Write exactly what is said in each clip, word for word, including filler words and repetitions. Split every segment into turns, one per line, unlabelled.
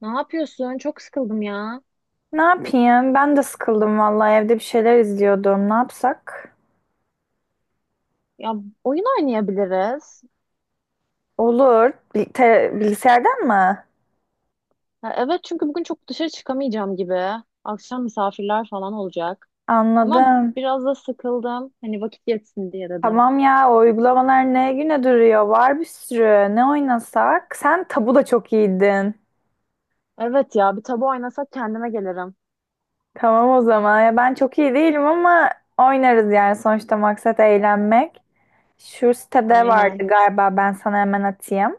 Ne yapıyorsun? Çok sıkıldım ya.
Ne yapayım? Ben de sıkıldım vallahi evde bir şeyler izliyordum. Ne yapsak?
Ya oyun oynayabiliriz.
Olur. Bil- te- bilgisayardan mı?
Ha, evet çünkü bugün çok dışarı çıkamayacağım gibi. Akşam misafirler falan olacak. Ama
Anladım.
biraz da sıkıldım. Hani vakit geçsin diye dedim.
Tamam ya, o uygulamalar ne güne duruyor? Var bir sürü. Ne oynasak? Sen tabu da çok iyiydin.
Evet ya bir tabu oynasak kendime gelirim.
Tamam o zaman. Ya ben çok iyi değilim ama oynarız, yani sonuçta maksat eğlenmek. Şu sitede vardı
Aynen.
galiba, ben sana hemen atayım.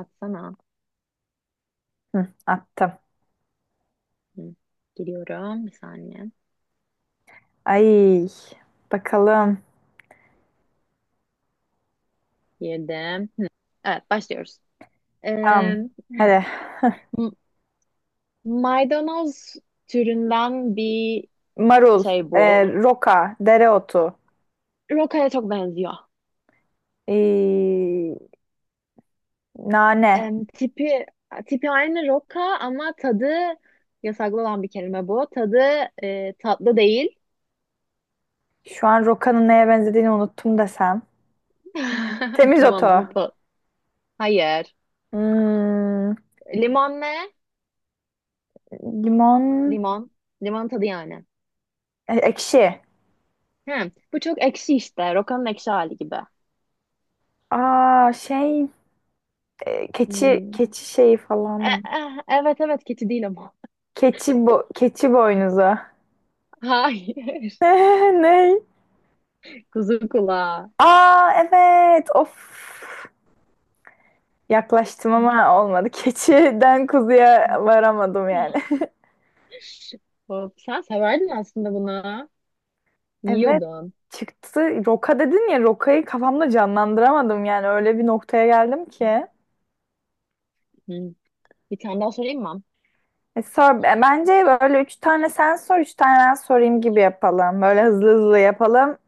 Atsana.
Hı, attım.
Hı, Giriyorum. Bir saniye.
Ay, bakalım.
Girdim. Evet başlıyoruz. Ee,
Tamam. Hadi.
m- Maydanoz türünden bir
Marul,
şey bu.
e, roka, dereotu,
Roka'ya çok benziyor.
ee, nane.
Em, tipi tipi aynı roka ama tadı yasaklı olan bir kelime bu. Tadı e, tatlı değil.
Şu an rokanın neye benzediğini unuttum desem.
Tamam
Temizotu.
bunu pa- Hayır.
Hmm,
Limon ne?
limon,
Limon. Limon tadı yani.
e, ekşi.
Hı, bu çok ekşi işte. Rokanın ekşi hali gibi.
Aa şey, e, keçi
Hmm.
keçi şeyi
E,
falan.
e, evet evet, keçi değil ama.
Keçi bo keçi boynuzu.
Hayır.
Ne?
Kuzu kulağı.
Aa evet. Of. Yaklaştım ama olmadı. Keçiden kuzuya varamadım yani.
Hop, sen severdin aslında bunu.
Evet,
Yiyordun.
çıktı. Roka dedin ya, Roka'yı kafamda canlandıramadım, yani öyle bir noktaya geldim ki.
Hı. Bir tane daha sorayım mı?
E, sor, e, bence böyle üç tane sen sor, üç tane ben sorayım gibi yapalım. Böyle hızlı hızlı yapalım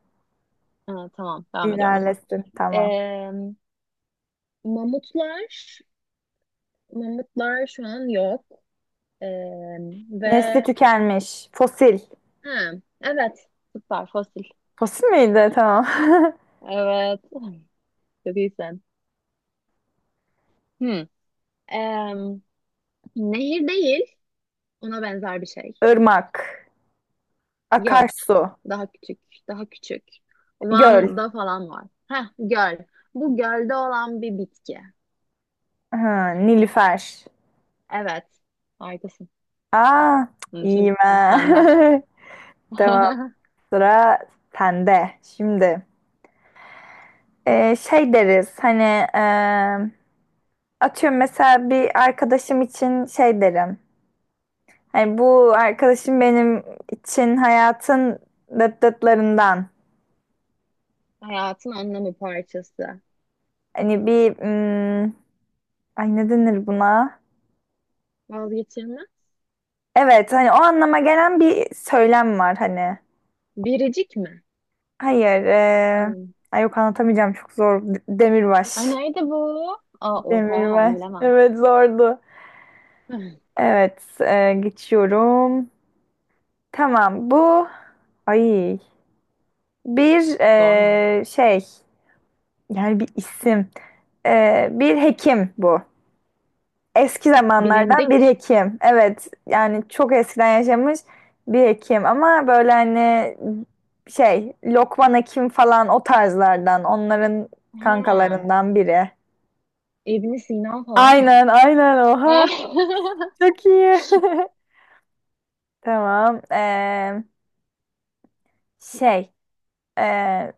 Ha, tamam devam ediyorum o zaman.
ilerlesin, tamam.
Ee, mamutlar, mamutlar şu an yok. Ee,
Nesli
Ve
tükenmiş. Fosil.
ha, evet, süper fosil.
Fosil miydi? Tamam.
Evet, çok iyisin. Hmm. Ee, Nehir değil, ona benzer bir şey.
Irmak.
Yok,
Akarsu.
daha küçük, daha küçük.
Göl.
Van'da falan var. Heh, göl. Bu gölde olan bir bitki.
Ha, Nilüfer.
Evet, harikasın.
Aa,
Bunu şimdi
iyiyim ha.
sende.
Tamam, sıra sende. Şimdi. E, şey deriz hani, e, atıyorum, mesela bir arkadaşım için şey derim. Hani bu arkadaşım benim için hayatın dıt dıtlarından.
Hayatın anlamı parçası.
Hani bir hmm, ay, ne denir buna?
Vazgeçilmez.
Evet, hani o anlama gelen bir söylem var hani.
Biricik mi?
Hayır e,
Hmm.
ay yok, anlatamayacağım, çok zor. D-
Aa,
Demirbaş.
neydi bu? Aa, oha bunu
Demirbaş.
bilemem.
Evet, zordu. Evet e, geçiyorum. Tamam bu. Ay. Bir
Zor mu?
e, şey, yani bir isim. E, bir hekim bu, eski zamanlardan bir
Bilindik.
hekim, evet, yani çok eskiden yaşamış bir hekim ama böyle hani şey, Lokman Hekim falan, o tarzlardan, onların
Ha,
kankalarından biri.
ibn Sina falan mı?
Aynen aynen, oha çok iyi. Tamam. E, şey, e,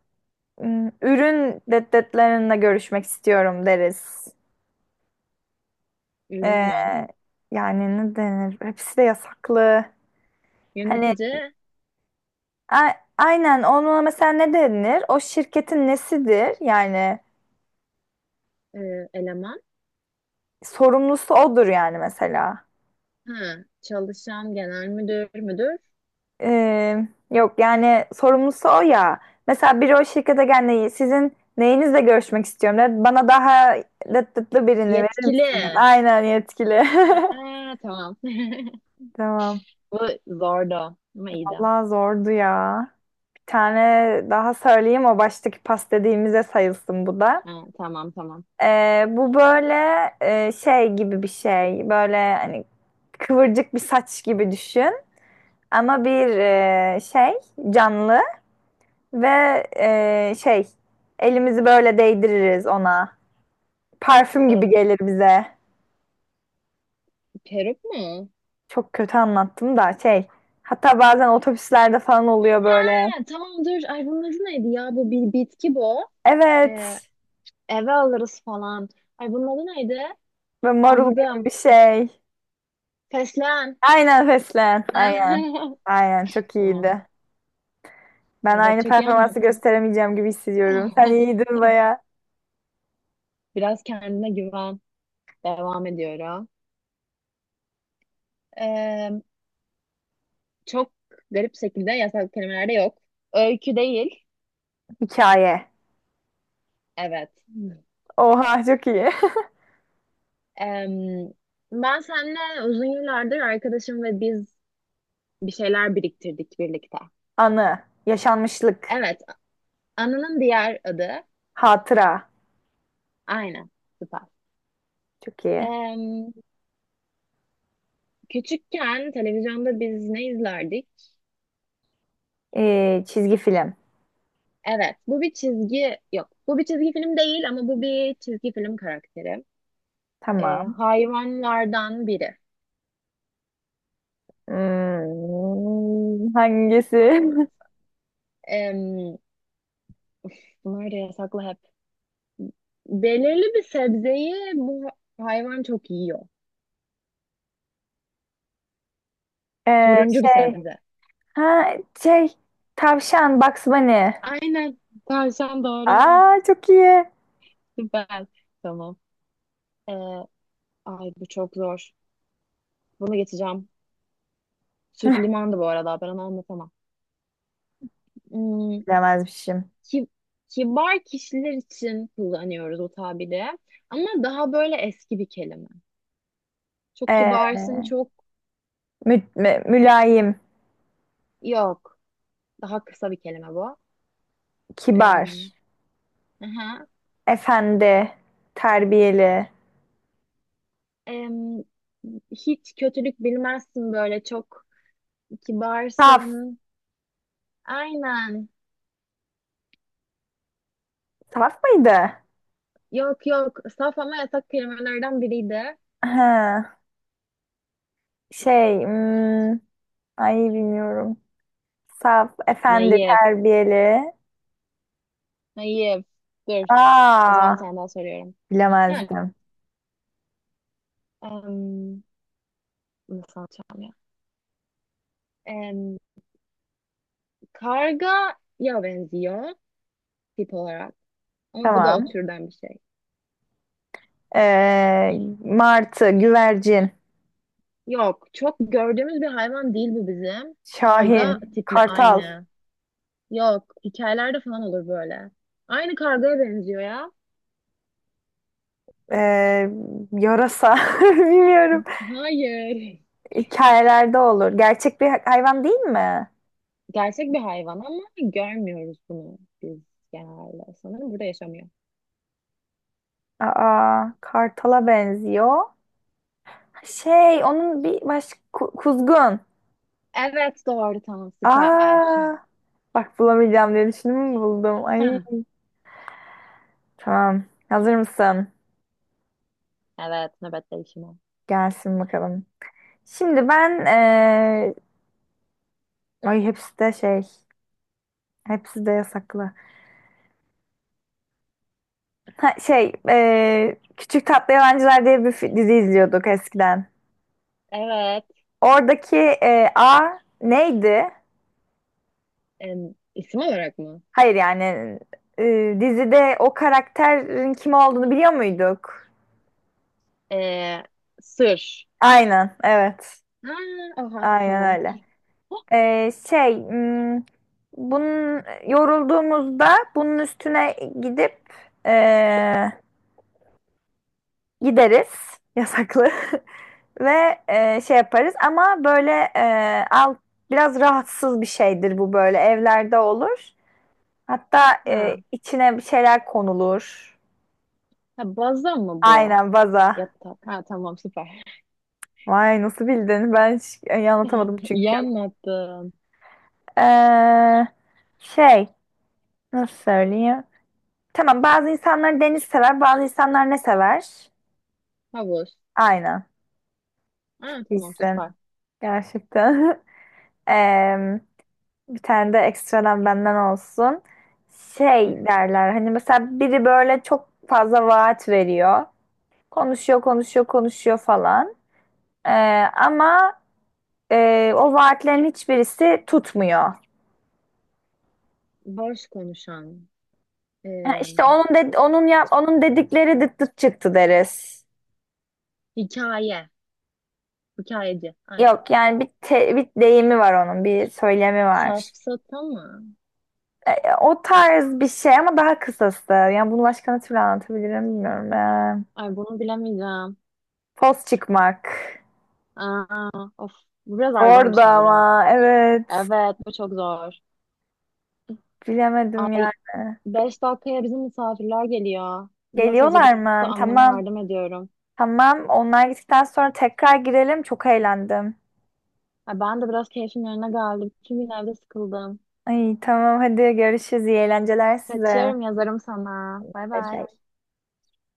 ürün deddetlerinde görüşmek istiyorum deriz.
Ürün
Ee,
mü?
yani ne denir? Hepsi de yasaklı. Hani
Yönetici
a- aynen, ona mesela ne denir? O şirketin nesidir yani?
e, eleman.
Sorumlusu odur yani mesela.
Ha, çalışan genel müdür müdür.
Ee, yok yani, sorumlusu o ya. Mesela biri o şirkete gelmeyi, sizin neyinizle görüşmek istiyorum der. Bana daha lıt lıtlı birini verir
Yetkili.
misiniz? Aynen, yetkili.
Ha, tamam.
Tamam.
Bu zordu ama iyiydi.
Allah zordu ya. Bir tane daha söyleyeyim, o baştaki pas dediğimize sayılsın bu da.
Ha, tamam tamam.
Ee, bu böyle e, şey gibi bir şey. Böyle hani kıvırcık bir saç gibi düşün. Ama bir e, şey canlı ve e, şey, elimizi böyle değdiririz ona. Parfüm
E,
gibi gelir bize.
Peruk mu?
Çok kötü anlattım da şey. Hatta bazen otobüslerde falan oluyor böyle.
Ha, tamam dur. Ay bunun adı neydi ya? Bu bir bitki bu. E,
Evet.
Eve alırız falan. Ay bunun adı neydi?
Böyle marul gibi
Anladım.
bir şey.
Fesleğen.
Aynen, fesleğen. Aynen. Aynen, çok
Tamam.
iyiydi. Ben
Evet
aynı
çok iyi
performansı
anlattın.
gösteremeyeceğim gibi hissediyorum. Sen iyiydin baya.
Biraz kendine güven. Devam ediyorum. Ee, Çok garip şekilde yasal kelimelerde yok. Öykü değil.
Hikaye.
Evet.
Oha, çok iyi.
Ee, Ben seninle uzun yıllardır arkadaşım ve biz bir şeyler biriktirdik birlikte.
Anı. Yaşanmışlık.
Evet. Anının diğer adı.
Hatıra.
Aynen. Süper.
Çok iyi.
Ee, Küçükken televizyonda biz ne izlerdik?
Ee, çizgi film.
Evet, bu bir çizgi yok. Bu bir çizgi film değil ama bu bir çizgi film karakteri. Ee,
Tamam.
hayvanlardan biri.
Hmm, hangisi?
Hayvan. Em, Bunlar da yasaklı hep. Belirli bir sebzeyi bu hayvan çok yiyor.
Ee,
Turuncu bir
şey.
sebze.
Ha, şey. Tavşan. Bugs Bunny.
Aynen. Tavşan doğru.
Aa, çok iyi.
Süper. Tamam. Ee, Ay bu çok zor. Bunu geçeceğim. Süt limandı bu arada. Ben onu anlatamam. Hmm,
Bilemezmişim.
ki- Kibar kişiler için kullanıyoruz o tabiri. Ama daha böyle eski bir kelime. Çok
Ee,
kibarsın, çok
mü- mü- mülayim.
yok. Daha kısa bir kelime bu.
Kibar.
Em, aha.
Efendi. Terbiyeli.
Em, Hiç kötülük bilmezsin böyle çok
Saf.
kibarsın. Aynen.
Saf mıydı?
Yok yok. Saf ama yasak kelimelerden biriydi.
Ha, şey. Hmm, ay, bilmiyorum. Saf, efendi,
Naif.
terbiyeli.
Naif. Dur. O zaman bir
Aa,
tane daha soruyorum. Hem,
bilemezdim.
em, Nasıl anlatacağım ya? Kargaya benziyor tip olarak. Ama bu da o
Tamam.
türden bir şey.
Ee, martı, güvercin,
Yok, çok gördüğümüz bir hayvan değil bu bizim. Karga
şahin,
tipli
kartal,
aynı. Yok, hikayelerde falan olur böyle. Aynı kargaya benziyor ya.
ee, yarasa. Bilmiyorum.
Hayır.
Hikayelerde olur. Gerçek bir hayvan değil mi?
Gerçek bir hayvan ama görmüyoruz bunu biz genelde. Sanırım burada yaşamıyor.
Aa, kartala benziyor. Şey, onun bir başka ku- kuzgun.
Evet, doğru tamam süper.
Aa, bak, bulamayacağım diye düşündüm, buldum. Ay,
Hah,
tamam. Hazır mısın?
evet, nöbet değişimi.
Gelsin bakalım. Şimdi ben eee, ay, hepsi de şey, hepsi de yasaklı. Ha, şey, eee, Küçük Tatlı Yalancılar diye bir fi- dizi izliyorduk eskiden.
Evet,
Oradaki eee, A neydi?
em, isim olarak mı?
Hayır yani, eee, dizide o karakterin kim olduğunu biliyor muyduk?
Ee, Sır.
Aynen, evet.
Ha, aha
Aynen
tamam.
öyle. Eee, şey, hmm, bunun yorulduğumuzda bunun üstüne gidip gideriz yasaklı ve e, şey yaparız ama böyle e, al, biraz rahatsız bir şeydir bu, böyle evlerde olur. Hatta e,
Ha.
içine bir şeyler konulur.
Ha baza mı bu?
Aynen, vaza.
Yatak. Ha tamam süper.
Vay, nasıl bildin? Ben hiç e, anlatamadım
İyi
çünkü.
anlattın.
Ee, şey, nasıl söyleyeyim? Tamam, bazı insanlar deniz sever, bazı insanlar ne sever?
Havuz.
Aynen. Çok
Ha tamam süper.
iyisin. Gerçekten. Em, bir tane de ekstradan benden olsun. Şey derler hani, mesela biri böyle çok fazla vaat veriyor. Konuşuyor, konuşuyor, konuşuyor falan. Ee, ama e, o vaatlerin hiçbirisi tutmuyor.
Boş konuşan.
Yani
Eee
İşte onun de, onun yap onun dedikleri dıt dıt çıktı deriz.
Hikaye. Hikayeci. Ay
Yok yani, bir, te- bir deyimi var onun, bir söylemi var.
safsata mı?
Ee, o tarz bir şey ama daha kısası. Yani bunu başka ne türlü anlatabilirim bilmiyorum. Ee,
Ay bunu bilemeyeceğim.
poz çıkmak.
Aa, of. Biraz
Orada
argoymuş ama bilemedim.
ama evet.
Evet bu çok zor.
Bilemedim
Ay
yani.
beş dakikaya bizim misafirler geliyor. Biraz
Geliyorlar
hazırlıkta
mı?
anneme
Tamam.
yardım ediyorum.
Tamam. Onlar gittikten sonra tekrar girelim. Çok eğlendim.
Ay, ben de biraz keyfim yerine geldi. Bütün gün evde sıkıldım.
Ay tamam, hadi görüşürüz. İyi eğlenceler size.
Kaçıyorum yazarım sana. Bay
Bay
bay.
bay.